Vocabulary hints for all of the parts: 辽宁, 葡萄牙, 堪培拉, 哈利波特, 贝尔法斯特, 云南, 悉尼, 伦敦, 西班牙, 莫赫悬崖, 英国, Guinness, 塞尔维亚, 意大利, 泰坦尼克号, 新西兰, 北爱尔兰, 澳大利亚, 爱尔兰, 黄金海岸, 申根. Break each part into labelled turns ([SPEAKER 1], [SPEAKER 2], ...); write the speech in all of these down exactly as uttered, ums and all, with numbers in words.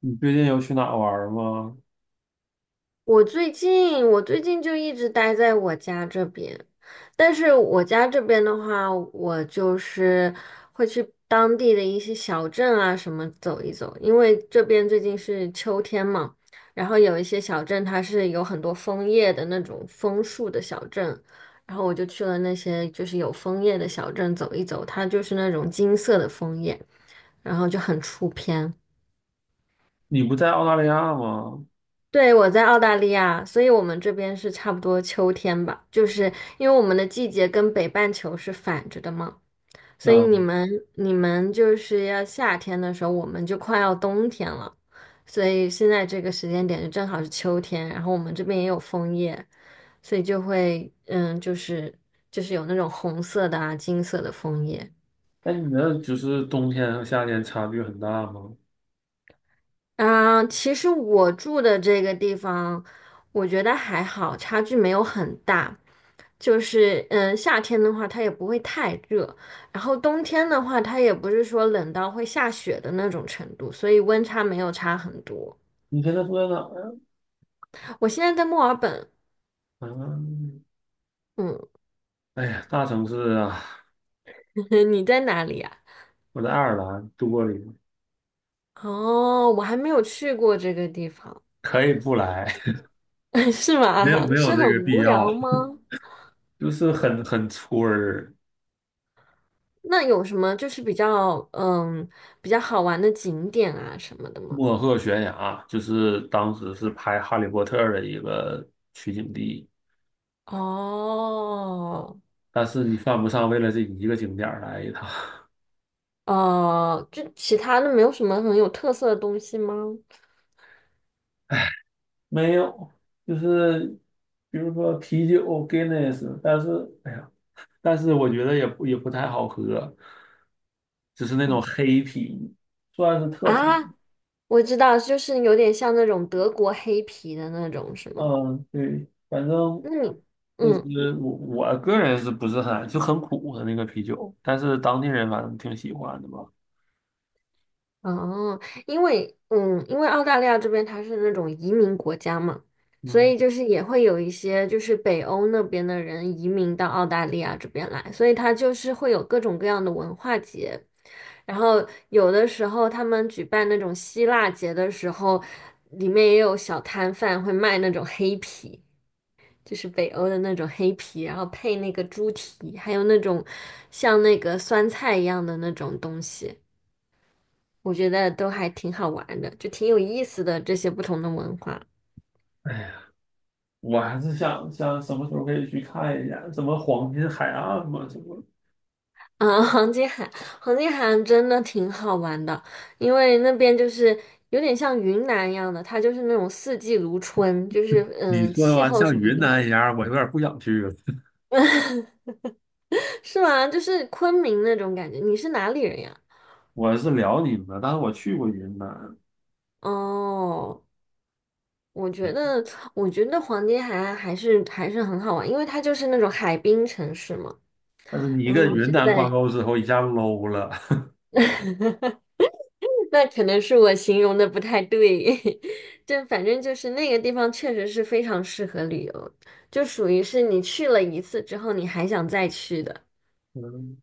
[SPEAKER 1] 你最近有去哪玩儿吗？
[SPEAKER 2] 我最近我最近就一直待在我家这边，但是我家这边的话，我就是会去当地的一些小镇啊什么走一走，因为这边最近是秋天嘛，然后有一些小镇它是有很多枫叶的那种枫树的小镇，然后我就去了那些就是有枫叶的小镇走一走，它就是那种金色的枫叶，然后就很出片。
[SPEAKER 1] 你不在澳大利亚吗？
[SPEAKER 2] 对，我在澳大利亚，所以我们这边是差不多秋天吧，就是因为我们的季节跟北半球是反着的嘛，所以
[SPEAKER 1] 啊，
[SPEAKER 2] 你们你们就是要夏天的时候，我们就快要冬天了，所以现在这个时间点就正好是秋天，然后我们这边也有枫叶，所以就会嗯，就是就是有那种红色的啊、金色的枫叶。
[SPEAKER 1] 那你那就是冬天和夏天差距很大吗？
[SPEAKER 2] 嗯，其实我住的这个地方，我觉得还好，差距没有很大。就是嗯，夏天的话它也不会太热，然后冬天的话它也不是说冷到会下雪的那种程度，所以温差没有差很多。
[SPEAKER 1] 你现在住在哪儿啊？
[SPEAKER 2] 我现在在墨尔本，
[SPEAKER 1] 嗯，
[SPEAKER 2] 嗯，
[SPEAKER 1] 哎呀，大城市啊，
[SPEAKER 2] 你在哪里呀？
[SPEAKER 1] 我在爱尔兰多里，
[SPEAKER 2] 哦，我还没有去过这个地方，
[SPEAKER 1] 可以不来，
[SPEAKER 2] 是
[SPEAKER 1] 没有
[SPEAKER 2] 吗？
[SPEAKER 1] 没
[SPEAKER 2] 是
[SPEAKER 1] 有
[SPEAKER 2] 很
[SPEAKER 1] 这个必
[SPEAKER 2] 无
[SPEAKER 1] 要，
[SPEAKER 2] 聊吗？
[SPEAKER 1] 就是很很村儿，
[SPEAKER 2] 那有什么就是比较嗯比较好玩的景点啊什么的吗？
[SPEAKER 1] 莫赫悬崖，就是当时是拍《哈利波特》的一个取景地，
[SPEAKER 2] 哦，
[SPEAKER 1] 但是你犯不上为了这一个景点儿来一趟。
[SPEAKER 2] 哦，就其他的没有什么很有特色的东西吗？
[SPEAKER 1] 没有，就是比如说啤酒 Guinness，但是哎呀，但是我觉得也不也不太好喝，只是那种
[SPEAKER 2] 嗯
[SPEAKER 1] 黑啤，算是特产。
[SPEAKER 2] 啊，我知道，就是有点像那种德国黑啤的那种，是吗？
[SPEAKER 1] 嗯，对，反正
[SPEAKER 2] 那你，
[SPEAKER 1] 就
[SPEAKER 2] 嗯
[SPEAKER 1] 是我我个人是不是很就很苦的那个啤酒，但是当地人反正挺喜欢的吧。
[SPEAKER 2] 哦，因为嗯，因为澳大利亚这边它是那种移民国家嘛，所
[SPEAKER 1] 嗯，
[SPEAKER 2] 以就是也会有一些就是北欧那边的人移民到澳大利亚这边来，所以它就是会有各种各样的文化节，然后有的时候他们举办那种希腊节的时候，里面也有小摊贩会卖那种黑啤，就是北欧的那种黑啤，然后配那个猪蹄，还有那种像那个酸菜一样的那种东西。我觉得都还挺好玩的，就挺有意思的这些不同的文化。
[SPEAKER 1] 哎呀，我还是想想什么时候可以去看一下，什么黄金海岸嘛，什么。
[SPEAKER 2] 啊，黄金海，黄金海岸真的挺好玩的，因为那边就是有点像云南一样的，它就是那种四季如春，就是
[SPEAKER 1] 你
[SPEAKER 2] 嗯，
[SPEAKER 1] 说
[SPEAKER 2] 气
[SPEAKER 1] 完
[SPEAKER 2] 候
[SPEAKER 1] 像
[SPEAKER 2] 什么
[SPEAKER 1] 云
[SPEAKER 2] 的，
[SPEAKER 1] 南一样，我有点不想去了。
[SPEAKER 2] 是吗？就是昆明那种感觉。你是哪里人呀？
[SPEAKER 1] 我是辽宁的，但是我去过云南，
[SPEAKER 2] 哦，我觉
[SPEAKER 1] 对
[SPEAKER 2] 得，我觉得黄金海岸还是还是很好玩，因为它就是那种海滨城市嘛。
[SPEAKER 1] 但是你
[SPEAKER 2] 然后
[SPEAKER 1] 跟
[SPEAKER 2] 你
[SPEAKER 1] 云
[SPEAKER 2] 就
[SPEAKER 1] 南挂
[SPEAKER 2] 在
[SPEAKER 1] 钩之后一下 low 了
[SPEAKER 2] 那可能是我形容的不太对，就反正就是那个地方确实是非常适合旅游，就属于是你去了一次之后你还想再去的，
[SPEAKER 1] 嗯，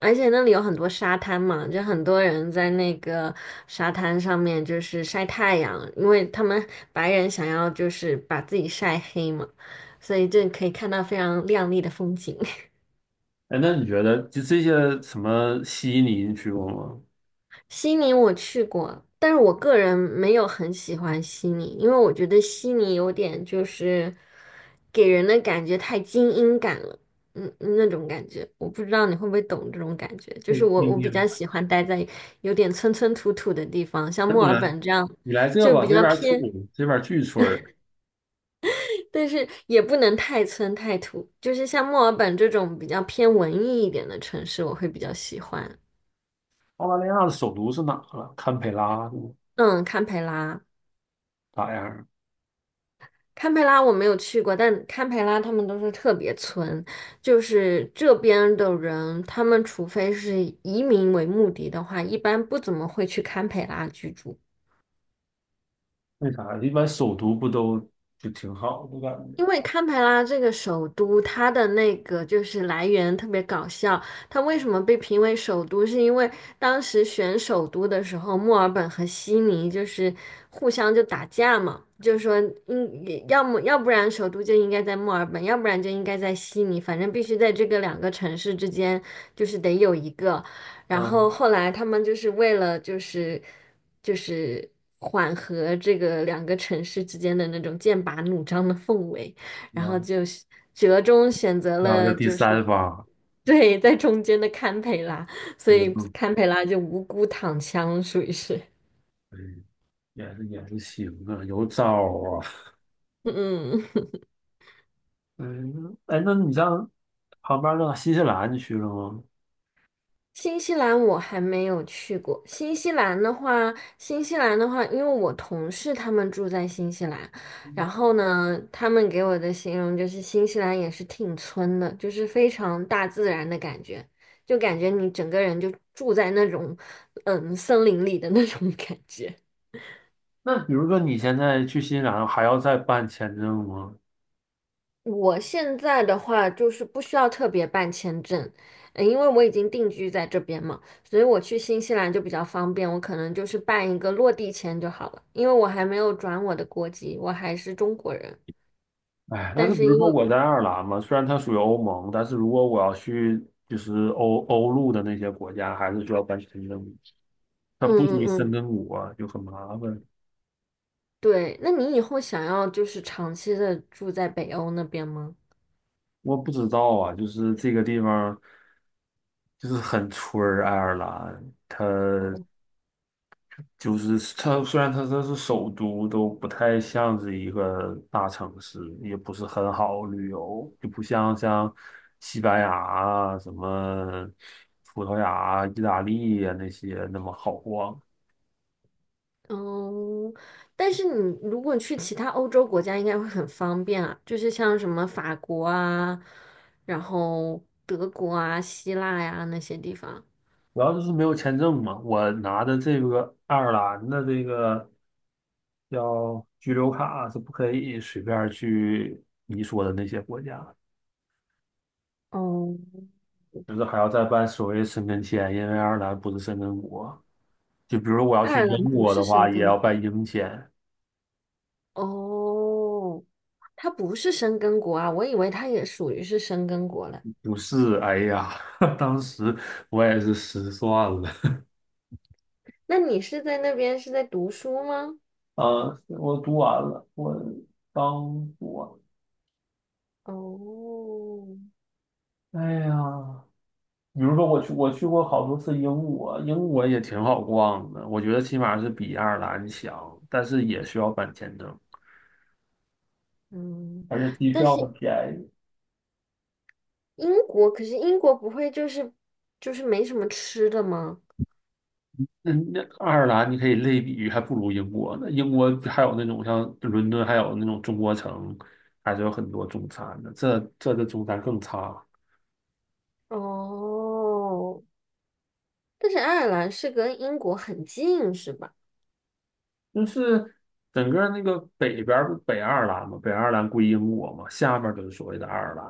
[SPEAKER 2] 而且那里有很多沙滩嘛，就很多人在那个沙滩上面就是晒太阳，因为他们白人想要就是把自己晒黑嘛，所以就可以看到非常亮丽的风景。
[SPEAKER 1] 哎，那你觉得就这些什么悉尼你去过吗？
[SPEAKER 2] 悉尼我去过，但是我个人没有很喜欢悉尼，因为我觉得悉尼有点就是给人的感觉太精英感了，嗯，那种感觉，我不知道你会不会懂这种感觉。就
[SPEAKER 1] 太
[SPEAKER 2] 是我
[SPEAKER 1] 丢
[SPEAKER 2] 我比
[SPEAKER 1] 丢了。
[SPEAKER 2] 较喜欢待在有点村村土土的地方，像
[SPEAKER 1] 那
[SPEAKER 2] 墨
[SPEAKER 1] 你
[SPEAKER 2] 尔
[SPEAKER 1] 来，
[SPEAKER 2] 本这样
[SPEAKER 1] 你来这
[SPEAKER 2] 就
[SPEAKER 1] 吧，
[SPEAKER 2] 比
[SPEAKER 1] 这
[SPEAKER 2] 较
[SPEAKER 1] 边儿土，
[SPEAKER 2] 偏，
[SPEAKER 1] 这边儿巨村儿
[SPEAKER 2] 但是也不能太村太土，就是像墨尔本这种比较偏文艺一点的城市，我会比较喜欢。
[SPEAKER 1] 澳大利亚的首都是哪啊？堪培拉是吗
[SPEAKER 2] 嗯，堪培拉。
[SPEAKER 1] 咋样？
[SPEAKER 2] 堪培拉我没有去过，但堪培拉他们都是特别村，就是这边的人，他们除非是移民为目的的话，一般不怎么会去堪培拉居住。
[SPEAKER 1] 为啥？一般首都不都就挺好的感觉？
[SPEAKER 2] 因为堪培拉这个首都，它的那个就是来源特别搞笑，它为什么被评为首都？是因为当时选首都的时候，墨尔本和悉尼就是互相就打架嘛，就说应要么要不然首都就应该在墨尔本，要不然就应该在悉尼，反正必须在这个两个城市之间，就是得有一个。然后
[SPEAKER 1] 嗯
[SPEAKER 2] 后来他们就是为了就是就是缓和这个两个城市之间的那种剑拔弩张的氛围。然后
[SPEAKER 1] 嗯，
[SPEAKER 2] 就是折中选择
[SPEAKER 1] 那个
[SPEAKER 2] 了
[SPEAKER 1] 第
[SPEAKER 2] 就是
[SPEAKER 1] 三方
[SPEAKER 2] 对在中间的堪培拉，所
[SPEAKER 1] 也
[SPEAKER 2] 以
[SPEAKER 1] 不，
[SPEAKER 2] 堪培拉就无辜躺枪，属于是。
[SPEAKER 1] 嗯也是也是行啊，有招儿啊。
[SPEAKER 2] 嗯嗯，
[SPEAKER 1] 嗯，哎，那你像旁边儿到新西兰去了吗？
[SPEAKER 2] 新西兰我还没有去过。新西兰的话，新西兰的话，因为我同事他们住在新西兰，然后呢，他们给我的形容就是新西兰也是挺村的，就是非常大自然的感觉，就感觉你整个人就住在那种嗯森林里的那种感觉。
[SPEAKER 1] 那比如说你现在去新西兰还要再办签证吗？
[SPEAKER 2] 我现在的话就是不需要特别办签证，呃因为我已经定居在这边嘛，所以我去新西兰就比较方便，我可能就是办一个落地签就好了，因为我还没有转我的国籍，我还是中国人。
[SPEAKER 1] 哎，但
[SPEAKER 2] 但
[SPEAKER 1] 是比
[SPEAKER 2] 是
[SPEAKER 1] 如
[SPEAKER 2] 因
[SPEAKER 1] 说
[SPEAKER 2] 为，
[SPEAKER 1] 我在爱尔兰嘛，虽然它属于欧盟，但是如果我要去就是欧欧陆的那些国家，还是需要办签证，它
[SPEAKER 2] 嗯
[SPEAKER 1] 不属于
[SPEAKER 2] 嗯
[SPEAKER 1] 申
[SPEAKER 2] 嗯，
[SPEAKER 1] 根国啊，就很麻烦。
[SPEAKER 2] 对，那你以后想要就是长期的住在北欧那边吗？
[SPEAKER 1] 我不知道啊，就是这个地方就是很村儿，爱尔兰它。
[SPEAKER 2] 哦
[SPEAKER 1] 就是它虽然它这是首都，都不太像是一个大城市，也不是很好旅游，就不像像西班牙啊、什么葡萄牙啊意大利啊那些那么好逛。
[SPEAKER 2] 哦，但是你如果去其他欧洲国家，应该会很方便啊，就是像什么法国啊，然后德国啊、希腊呀、那些地方。
[SPEAKER 1] 主要就是没有签证嘛。我拿的这个爱尔兰的这个叫居留卡是不可以随便去你说的那些国家。
[SPEAKER 2] 哦，
[SPEAKER 1] 就是还要再办所谓的申根签，因为爱尔兰不是申根国。就比如我要
[SPEAKER 2] 爱
[SPEAKER 1] 去
[SPEAKER 2] 尔兰
[SPEAKER 1] 英
[SPEAKER 2] 不
[SPEAKER 1] 国的
[SPEAKER 2] 是
[SPEAKER 1] 话，
[SPEAKER 2] 生
[SPEAKER 1] 也
[SPEAKER 2] 根
[SPEAKER 1] 要
[SPEAKER 2] 国。
[SPEAKER 1] 办英签。
[SPEAKER 2] 哦，它不是生根国啊，我以为它也属于是生根国了。
[SPEAKER 1] 不是，哎呀，当时我也是失算了。
[SPEAKER 2] 那你是在那边是在读书吗？
[SPEAKER 1] 啊，我读完了，我当我
[SPEAKER 2] 哦，
[SPEAKER 1] 完。哎呀，比如说我去，我去过好多次英国，英国也挺好逛的，我觉得起码是比爱尔兰强，但是也需要办签证，
[SPEAKER 2] 嗯，
[SPEAKER 1] 而且机
[SPEAKER 2] 但
[SPEAKER 1] 票
[SPEAKER 2] 是
[SPEAKER 1] 很便宜。
[SPEAKER 2] 英国，可是英国不会就是就是没什么吃的吗？
[SPEAKER 1] 嗯，那爱尔兰你可以类比于还不如英国呢。英国还有那种像伦敦，还有那种中国城，还是有很多中餐的。这这的中餐更差，
[SPEAKER 2] 哦，但是爱尔兰是跟英国很近，是吧？
[SPEAKER 1] 就是整个那个北边儿不北爱尔兰嘛，北爱尔兰归英国嘛，下面就是所谓的爱尔兰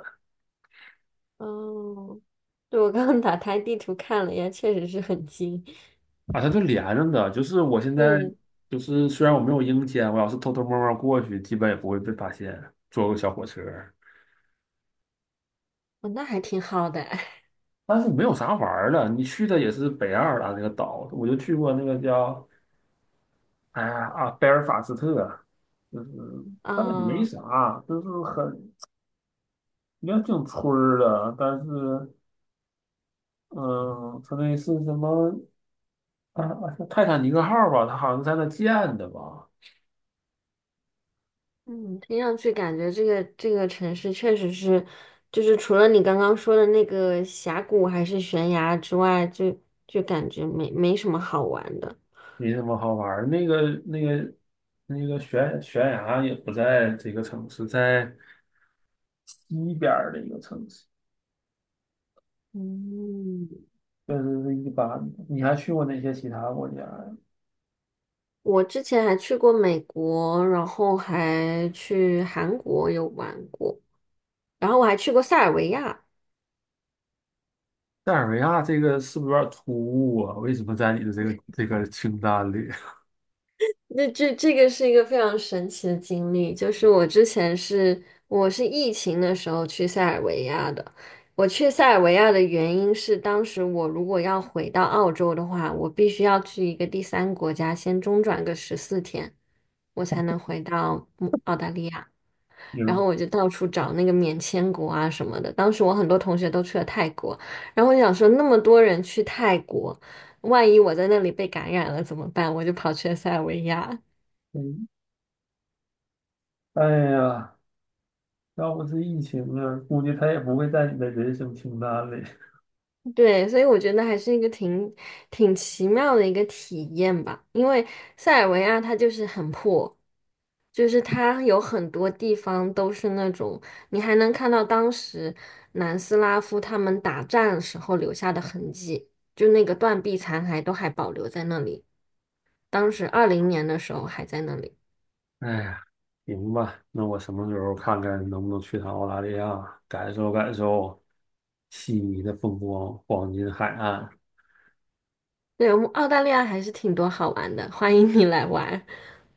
[SPEAKER 2] 哦，对，我刚刚打开地图看了一下，确实是很近。
[SPEAKER 1] 啊，它就连着的。就是我现在
[SPEAKER 2] 对，
[SPEAKER 1] 就是虽然我没有英签，我要是偷偷摸摸过去，基本也不会被发现，坐个小火车。
[SPEAKER 2] 哦，那还挺好的。
[SPEAKER 1] 但是没有啥玩儿的，你去的也是北爱尔兰那个岛，我就去过那个叫。哎呀啊，贝尔法斯特，就是但那没
[SPEAKER 2] 啊，
[SPEAKER 1] 啥，就是很也挺村儿的，但是，嗯，他那是什么啊？啊是泰坦尼克号吧？它好像在那建的吧？
[SPEAKER 2] 嗯，听上去感觉这个这个城市确实是，就是除了你刚刚说的那个峡谷还是悬崖之外，就就感觉没没什么好玩的。
[SPEAKER 1] 没什么好玩儿。那个那个那个悬悬崖也不在这个城市，在西边儿的一个城市，
[SPEAKER 2] 嗯，
[SPEAKER 1] 就是是一般的。你还去过那些其他国家呀？
[SPEAKER 2] 我之前还去过美国，然后还去韩国有玩过。然后我还去过塞尔维亚，
[SPEAKER 1] 塞尔维亚这个是不是有点突兀啊？为什么在你的这个这个清单里？
[SPEAKER 2] 那这这个是一个非常神奇的经历，就是我之前是我是疫情的时候去塞尔维亚的。我去塞尔维亚的原因是，当时我如果要回到澳洲的话，我必须要去一个第三国家先中转个十四天，我才能回到嗯澳大利亚。然
[SPEAKER 1] 明
[SPEAKER 2] 后我就到处找那个免签国啊什么的。当时我很多同学都去了泰国，然后我想说那么多人去泰国，万一我在那里被感染了怎么办？我就跑去了塞尔维亚。
[SPEAKER 1] 嗯，哎呀，要不是疫情啊，估计他也不会在你的人生清单里。
[SPEAKER 2] 对，所以我觉得还是一个挺挺奇妙的一个体验吧，因为塞尔维亚它就是很破，就是它有很多地方都是那种你还能看到当时南斯拉夫他们打战时候留下的痕迹，就那个断壁残骸都还保留在那里，当时二零年的时候还在那里。
[SPEAKER 1] 哎呀，行吧，那我什么时候看看能不能去趟澳大利亚，感受感受悉尼的风光，黄金海岸。
[SPEAKER 2] 对，我们澳大利亚还是挺多好玩的，欢迎你来玩。